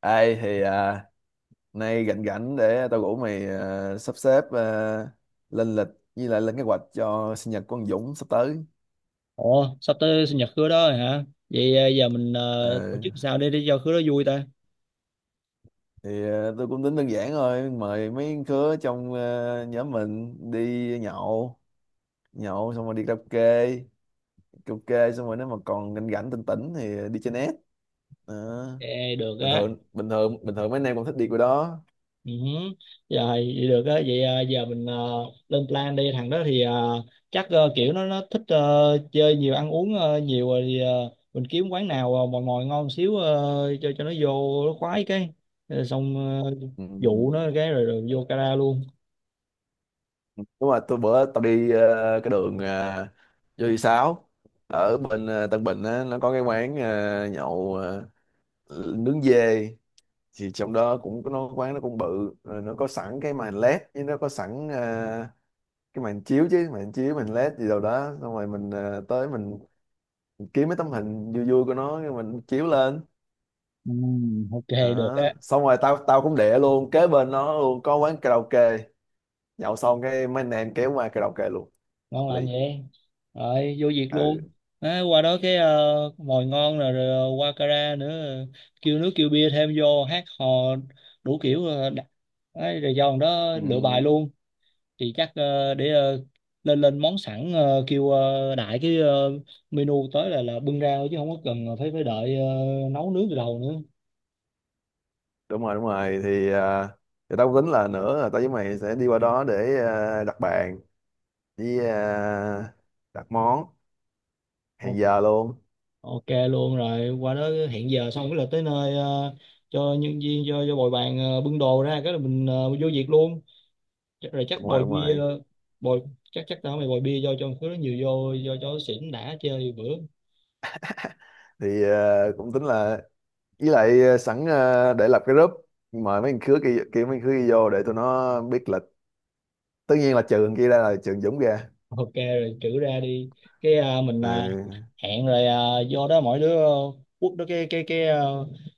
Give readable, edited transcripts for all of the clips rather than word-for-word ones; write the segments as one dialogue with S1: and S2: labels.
S1: Ai thì à, nay rảnh rảnh để tao rủ mày à, sắp xếp à, lên lịch với lại lên kế hoạch cho sinh nhật của anh Dũng sắp tới.
S2: Ồ, sắp tới sinh nhật Khứa đó rồi hả? Vậy à, giờ mình
S1: Ờ,
S2: tổ chức sao để cho Khứa đó vui ta?
S1: thì à, tôi cũng tính đơn giản thôi, mời mấy đứa trong à, nhóm mình đi nhậu, nhậu xong rồi đi karaoke, karaoke xong rồi nếu mà còn rảnh rảnh tỉnh tỉnh thì đi chơi net. Ờ,
S2: Ê, được
S1: Bình
S2: á.
S1: thường bình thường bình thường mấy anh em cũng thích đi cái đó.
S2: Ừ, hứ. Rồi, vậy được á. Vậy à, giờ mình lên plan đi. Thằng đó thì chắc kiểu nó thích chơi nhiều, ăn uống nhiều rồi thì mình kiếm quán nào mòi mòi ngon xíu cho nó vô nó khoái cái. Rồi xong
S1: Ừ.
S2: dụ nó cái rồi, rồi vô cara luôn.
S1: Đúng rồi, tôi bữa tao đi cái đường vô thị sáu ở bên Tân Bình á, nó có cái quán nhậu nướng dê thì trong đó cũng có nó quán, nó cũng bự rồi, nó có sẵn cái màn led với nó có sẵn cái màn chiếu chứ màn chiếu màn led gì đâu đó, xong rồi mình tới mình kiếm mấy tấm hình vui vui của nó cái mình chiếu lên
S2: Ừ, ok, được
S1: đó.
S2: á.
S1: Xong rồi tao tao cũng để luôn kế bên nó luôn có quán karaoke, nhậu xong cái mấy anh em kéo qua karaoke luôn.
S2: Ngon
S1: Hợp
S2: lành
S1: lý.
S2: vậy, rồi vô việc luôn.
S1: Ừ.
S2: Á, qua đó cái mồi ngon rồi, rồi qua kara nữa, kêu nước kêu bia thêm vô hát hò đủ kiểu đấy, rồi do thằng đó
S1: Ừ.
S2: lựa bài luôn. Thì chắc lên lên món sẵn, kêu đại cái menu tới là bưng ra thôi chứ không có cần phải phải đợi nấu nướng từ đầu nữa.
S1: Đúng rồi, đúng rồi, thì à, thì tao tính là nữa là tao với mày sẽ đi qua đó để à, đặt bàn với à, đặt món,
S2: O-
S1: hẹn giờ luôn.
S2: ok luôn, rồi qua đó hẹn giờ xong cái là tới nơi, cho nhân viên cho bồi bàn bưng đồ ra cái là mình vô việc luôn. Chắc, rồi chắc
S1: Đúng rồi,
S2: bồi
S1: đúng
S2: bia,
S1: rồi,
S2: bồi, chắc chắc tao mày bồi bia do cho một thứ nó nhiều vô do cho xỉn đã chơi bữa.
S1: thì à, cũng tính là với lại à, sẵn à, để lập cái group mời mấy thằng khứa kia kia mấy thằng khứa kia vô để tụi nó biết lịch, tất nhiên là trừ thằng kia ra là trừ Dũng ra.
S2: Ok rồi, trữ ra đi, cái
S1: Ừ.
S2: hẹn rồi do đó mỗi đứa quất đó cái cái cái à,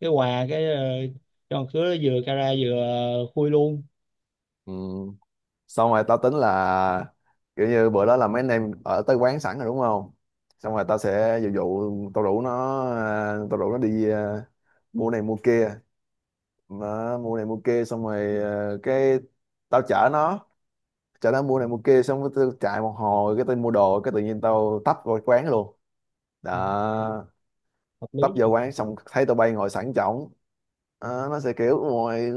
S2: cái quà, cái cho một thứ nó vừa cara vừa khui luôn.
S1: Ừ. Xong rồi tao tính là kiểu như bữa đó là mấy anh em ở tới quán sẵn rồi đúng không, xong rồi tao sẽ dụ dụ tao rủ nó à, tao rủ nó đi à, mua này mua kia, nó mua này mua kia xong rồi à, cái tao chở nó mua này mua kia xong rồi tao chạy một hồi cái tao mua đồ cái tự nhiên tao tấp vào quán luôn,
S2: Ừ,
S1: đó,
S2: hợp lý
S1: tấp vô
S2: nha.
S1: quán xong thấy tụi bay ngồi sẵn chổng. Đó, nó sẽ kiểu ngồi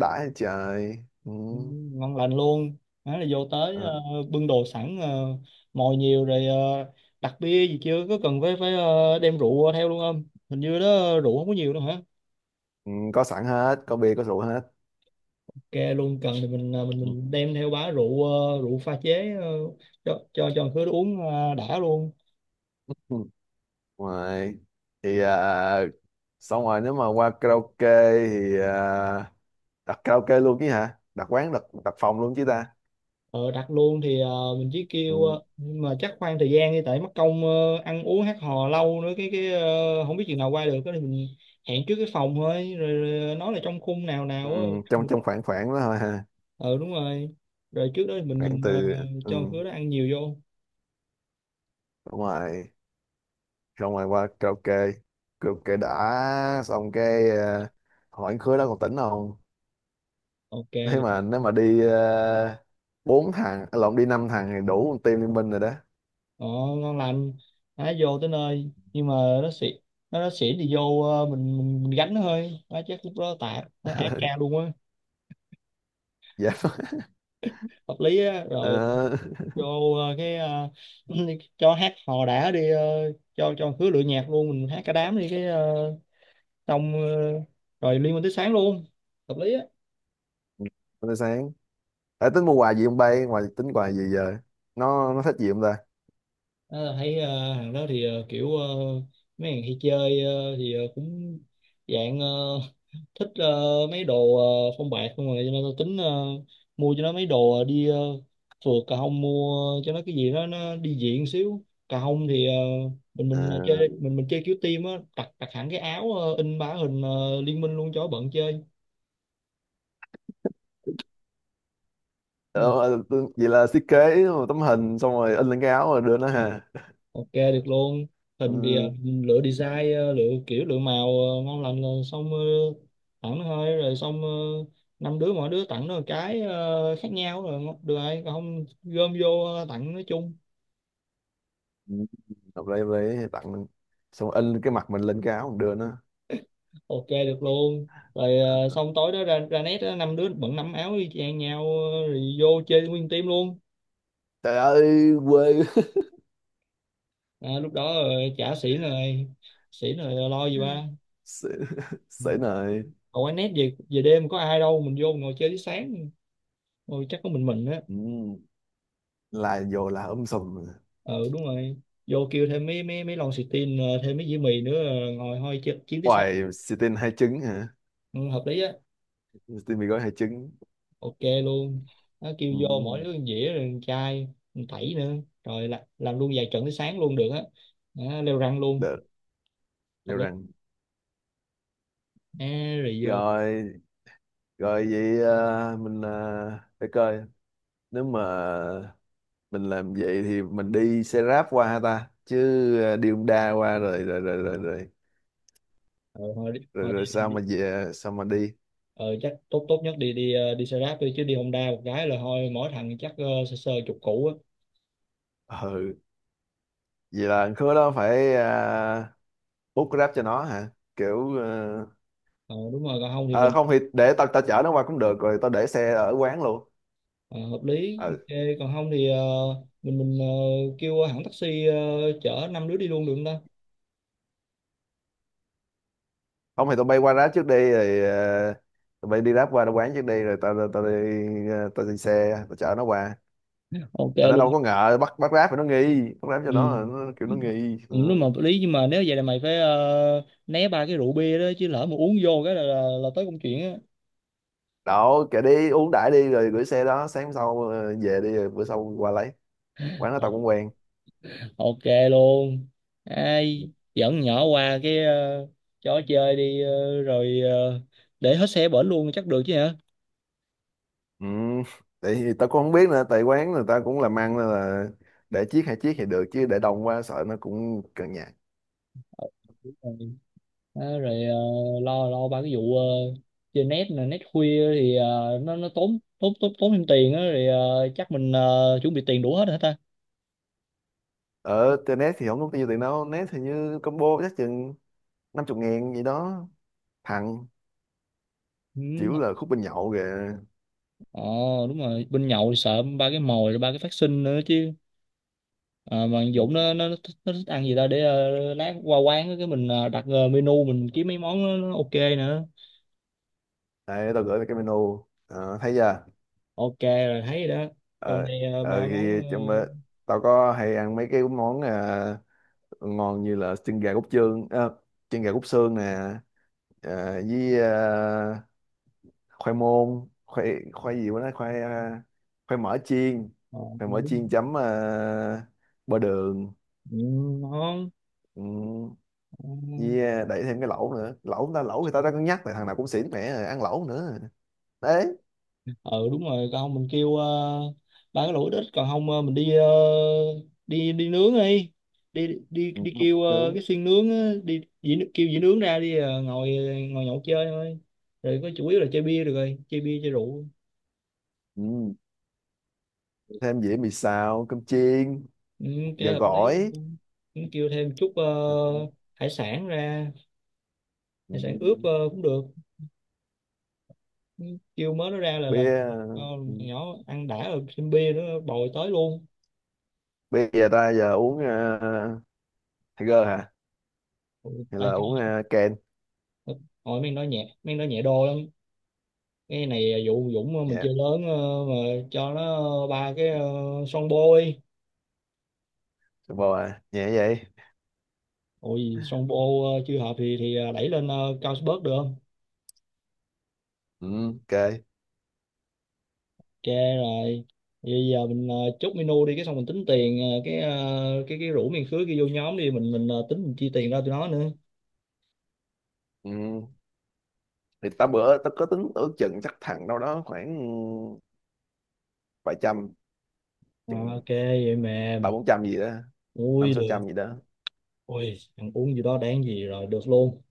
S1: đãi trời. Ừ.
S2: Ừ, ngon lành luôn, đó là vô tới
S1: Ừ.
S2: bưng đồ sẵn, mồi nhiều rồi, đặt bia gì chưa, có cần phải phải ờ, đem rượu theo luôn không? Hình như đó rượu không có nhiều đâu hả?
S1: Ừ, có sẵn hết, có bia có rượu hết.
S2: Ok luôn, cần thì mình à, mình
S1: Ừ.
S2: mình đem theo bá rượu, rượu pha chế cho khứa uống đã luôn.
S1: Ừ. Ngoài thì à, xong rồi nếu mà qua karaoke thì à, đặt karaoke luôn chứ hả? Đặt quán đặt đặt phòng luôn chứ ta?
S2: Ờ, Đặt luôn thì mình chỉ kêu,
S1: Ừ,
S2: nhưng mà chắc khoan thời gian đi tại mất công ăn uống hát hò lâu nữa không biết chừng nào qua được, cái thì mình hẹn trước cái phòng thôi, rồi, rồi nói là trong khung nào
S1: ừ,
S2: nào á.
S1: trong trong khoảng khoảng đó thôi ha,
S2: Ờ đúng rồi, rồi trước đó thì mình
S1: khoảng
S2: mình
S1: từ
S2: ờ,
S1: ừ,
S2: cho khứa đó ăn nhiều vô.
S1: đúng rồi, xong rồi qua karaoke, karaoke đã xong cái à, hỏi anh khứa đó còn tỉnh không? Thế
S2: Ok.
S1: mà nếu mà đi à, bốn thằng, à, lộn, đi năm thằng thì đủ một team liên minh rồi đó.
S2: Ồ, ngon lành. Nó vô tới nơi nhưng mà nó xỉn, nó xỉn thì vô, mình gánh nó thôi, nó chắc lúc đó tạt nó ép ca luôn á.
S1: Dạ.
S2: Hợp lý á, rồi
S1: Ờ,
S2: vô cho hát hò đã đi, cho khứa lựa nhạc luôn, mình hát cả đám đi cái xong ờ, rồi liên minh tới sáng luôn. Hợp lý á.
S1: Hôm nay sáng. Ê, tính mua quà gì không bay, ngoài tính quà gì giờ, nó thích gì không ta?
S2: Đó là thấy, hàng đó thì kiểu mấy hàng hay chơi thì cũng dạng thích mấy đồ phong bạc không, rồi cho nên tôi tính mua cho nó mấy đồ đi phượt. Cà hông mua cho nó cái gì đó nó đi diện xíu. Cà hông thì ờ, mình
S1: À,
S2: mình ờ, chơi mình mình chơi kiểu team á, đặt đặt hẳn cái áo, in bá hình liên minh luôn cho bận chơi. Ừ.
S1: vậy là thiết kế một tấm hình xong rồi in lên cái áo rồi đưa nó ha.
S2: Ok, được luôn. Hình thì
S1: Ừ,
S2: lựa design, lựa kiểu lựa màu ngon lành rồi, xong tặng thôi, rồi xong năm đứa mỗi đứa tặng nó một cái khác nhau rồi được rồi, còn không gom vô tặng nói chung.
S1: ừ, hợp lý tặng mình. Xong rồi in cái mặt mình lên cái áo mình đưa nó.
S2: Ok, được luôn, rồi
S1: Ờ,
S2: xong tối đó ra ra nét đó, năm đứa bận năm áo y chang nhau. Rồi vô chơi nguyên team luôn.
S1: trời ơi quê.
S2: Lúc đó chả xỉn rồi, xỉn rồi lo gì ba.
S1: Sể này.
S2: Còn quán nét về về đêm có ai đâu, mình vô ngồi chơi tới sáng, ngồi chắc có mình á.
S1: Ừ, là vô là ấm sùm.
S2: Ừ đúng rồi, vô kêu thêm mấy mấy mấy lon xì tin, thêm mấy dĩa mì nữa, ngồi chiến tới sáng.
S1: Hoài Sitin hai trứng hả?
S2: Ừ, hợp lý á.
S1: Sitin mì gói hai trứng.
S2: Ok luôn, nó kêu vô mỗi
S1: Ừ,
S2: đứa một dĩa rồi một chai, một tẩy nữa, rồi làm luôn vài trận tới sáng luôn, được á. Đó, leo răng luôn.
S1: được.
S2: Hợp
S1: Leo
S2: lý.
S1: răng.
S2: Rồi vô.
S1: Rồi rồi vậy à, mình à, để coi nếu mà mình làm vậy thì mình đi xe ráp qua ha ta chứ? À, đi Honda qua rồi rồi rồi rồi rồi
S2: Ờ
S1: rồi,
S2: thôi đi,
S1: rồi
S2: đi,
S1: sao
S2: đi.
S1: mà về, sao mà đi?
S2: Ờ, chắc tốt, tốt nhất đi, đi xe ráp đi chứ đi Honda một cái là thôi, mỗi thằng chắc sơ sơ chục củ á.
S1: Ừ, vậy là khứa đó phải à, bút grab cho nó hả, kiểu à,
S2: Ờ đúng rồi, còn không thì
S1: à,
S2: mình.
S1: không thì để tao tao chở nó qua cũng được rồi tao để xe ở quán luôn.
S2: Ờ, hợp lý,
S1: Ừ,
S2: ok, còn không thì mình kêu hãng taxi, chở năm đứa đi luôn được không ta?
S1: không thì tao bay qua grab trước đi rồi à, tụi bay đi ráp qua nó quán trước đi rồi tao tao đi tao đi xe tao chở nó qua.
S2: Ok
S1: Tại nó
S2: luôn.
S1: đâu có ngờ bắt bắt ráp thì nó nghi bắt ráp cho
S2: Ừ.
S1: nó kiểu nó nghi.
S2: Ừ,
S1: Đó.
S2: đúng mà hợp lý, nhưng mà nếu vậy là mày phải né ba cái rượu bia đó, chứ lỡ mà uống vô cái là tới công chuyện á.
S1: Kệ đi uống đãi đi rồi gửi xe đó sáng sau về đi rồi bữa sau qua lấy. Quán đó tao
S2: Ồ,
S1: cũng quen.
S2: ok luôn. Ai dẫn nhỏ qua cái chỗ chơi đi, rồi để hết xe bển luôn chắc được chứ hả?
S1: Ừ. Tại vì tao cũng không biết nữa, tại quán người ta cũng làm ăn nên là để chiếc, hai chiếc thì được chứ để đông quá sợ nó cũng cận nhạt.
S2: Ờ, đúng rồi. Đó, rồi lo lo ba cái vụ chơi net nè, net khuya thì nó tốn tốn tốn tốn thêm tiền á, rồi chắc mình chuẩn bị tiền đủ hết hả ta?
S1: Ở trên net thì không có nhiêu tiền đâu, net thì như combo chắc chừng năm chục ngàn gì đó, thằng
S2: Ừ.
S1: chịu là khúc bên nhậu kìa.
S2: Ờ đúng rồi, bên nhậu thì sợ ba cái mồi rồi ba cái phát sinh nữa chứ. Ờ, mà thằng
S1: Ừ.
S2: Dũng nó thích, nó thích ăn gì ta, để lát qua quán á, cái mình đặt menu, mình kiếm mấy món nó ok nữa.
S1: Đây tao gửi mày cái menu. Ờ, thấy chưa?
S2: Ok rồi, thấy rồi đó, trong
S1: ờ
S2: đây ba món.
S1: thì trong tao có hay ăn mấy cái món ngon như là chân gà cốt xương, chân gà cốt xương nè, với khoai môn khoai khoai gì quá đó, khoai khoai mỡ chiên
S2: ờ,
S1: khoai
S2: ờ,
S1: mỡ chiên chấm bơ đường.
S2: ừ, ngon.
S1: Ừ,
S2: Ừ.
S1: với đẩy thêm cái lẩu nữa, lẩu ta, lẩu thì tao đã cân nhắc tại thằng nào cũng xỉn mẹ rồi, ăn lẩu nữa đấy.
S2: Ừ đúng rồi, còn không mình kêu ba cái lẩu ít ít, còn không mình đi, ờ, đi đi nướng đi,
S1: Ừ,
S2: đi
S1: không
S2: kêu
S1: nướng.
S2: cái xiên nướng á, kêu dĩ nướng ra đi, ngồi ngồi nhậu chơi thôi, rồi có chủ yếu là chơi bia, được rồi chơi bia chơi rượu.
S1: Ừ. Thêm dĩa mì xào, cơm chiên,
S2: Ừ,
S1: gà
S2: chơi hợp lý.
S1: gỏi.
S2: Ừ, kêu thêm chút
S1: Ờ.
S2: hải sản ra,
S1: Ừ.
S2: hải sản
S1: Ừ.
S2: ướp cũng được. Ừ, kêu mớ nó ra là cho
S1: bia
S2: nhỏ ăn đã rồi thêm bia nữa bồi tới luôn.
S1: bia giờ ta, giờ uống Tiger hả?
S2: Ừ,
S1: Hay
S2: tại
S1: là uống Ken?
S2: hồi mình nói nhẹ, mình nói nhẹ đồ lắm. Cái này vụ Dũng, mình
S1: Dạ.
S2: chơi lớn mà cho nó ba cái son bôi,
S1: Super à nhẹ vậy?
S2: ôi son bô chưa hợp thì đẩy lên cao sport được không?
S1: Ừ, ok.
S2: Ok rồi, bây giờ mình chốt menu đi cái xong mình tính tiền cái rủ miền khứa kia vô nhóm đi, mình tính mình chi tiền ra tụi nó nữa.
S1: Ừ. Thì ta bữa ta có tính ước chừng chắc thằng đâu đó khoảng vài trăm,
S2: Ờ,
S1: chừng
S2: ok vậy
S1: ba
S2: mềm.
S1: bốn trăm gì đó, năm
S2: Ui
S1: sáu
S2: được.
S1: trăm gì đó.
S2: Ui ăn uống gì đó đáng gì, rồi được luôn.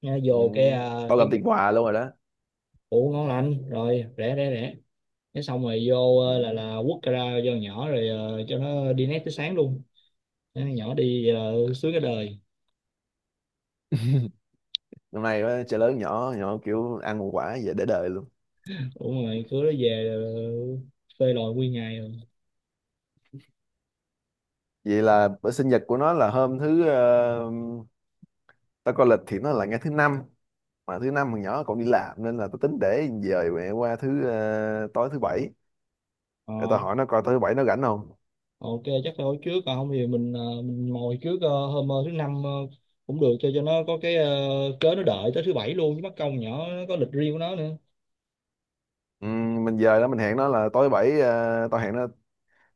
S2: Nha,
S1: Ừ.
S2: vô cái
S1: Bao gồm tiền quà luôn rồi đó.
S2: ủ, ngon lành rồi, rẻ rẻ rẻ, cái xong rồi vô
S1: Ừ.
S2: là quất ra cho nhỏ, rồi cho nó đi nét tới sáng luôn. Thế nhỏ đi vậy sướng cái đời.
S1: Năm nay đó, chơi lớn nhỏ nhỏ kiểu ăn một quả vậy để đời luôn.
S2: Đúng rồi, cứ nó về phê lòi nguyên ngày rồi.
S1: Vậy là bữa sinh nhật của nó là hôm thứ ta coi lịch thì nó là ngày thứ năm, mà thứ năm thằng nhỏ còn đi làm nên là tao tính để dời mẹ qua thứ tối thứ bảy,
S2: ờ,
S1: để tao hỏi nó coi tối thứ bảy nó rảnh không.
S2: ok, chắc phải hồi trước, còn không thì mình mình ngồi trước, hôm thứ năm cũng được, cho nó có cái cớ, nó đợi tới thứ bảy luôn chứ mất công, nhỏ nó có lịch riêng của nó nữa.
S1: Ừ, mình dời đó mình hẹn nó là tối thứ bảy, tao hẹn nó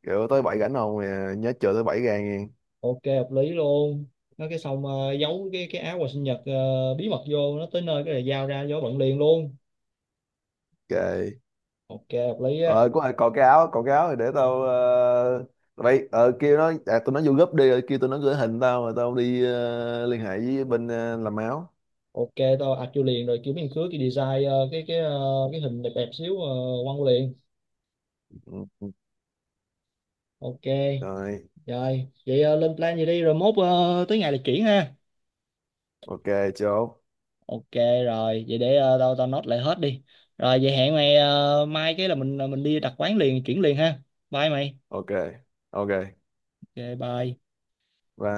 S1: kiểu tối thứ bảy rảnh không. Ờ, nhớ chờ thứ bảy ra nghe.
S2: Ok, hợp lý luôn. Nó cái xong giấu cái áo quà sinh nhật bí mật, vô nó tới nơi cái này giao ra giấu bận liền luôn.
S1: Ok.
S2: Ok, hợp lý á.
S1: Ờ có còn cái áo, thì để tao tụi bay kêu nó à, tụi nó vô group đi rồi kêu tụi nó gửi hình tao rồi tao đi liên hệ với bên làm áo.
S2: Ok, tao ạch vô liền rồi kiểu miếng khứa cái design cái hình đẹp đẹp xíu, quăng vô liền.
S1: Ừ, ừ,
S2: Ok.
S1: rồi.
S2: Rồi vậy lên plan gì đi, rồi mốt tới ngày là chuyển ha.
S1: Ok, chốt.
S2: Ok. Rồi vậy để ờ, tao tao nốt lại hết đi. Rồi vậy hẹn mày mai cái là mình đi đặt quán liền chuyển liền ha. Bye mày.
S1: Ok. Ok,
S2: Ok. Bye.
S1: bye.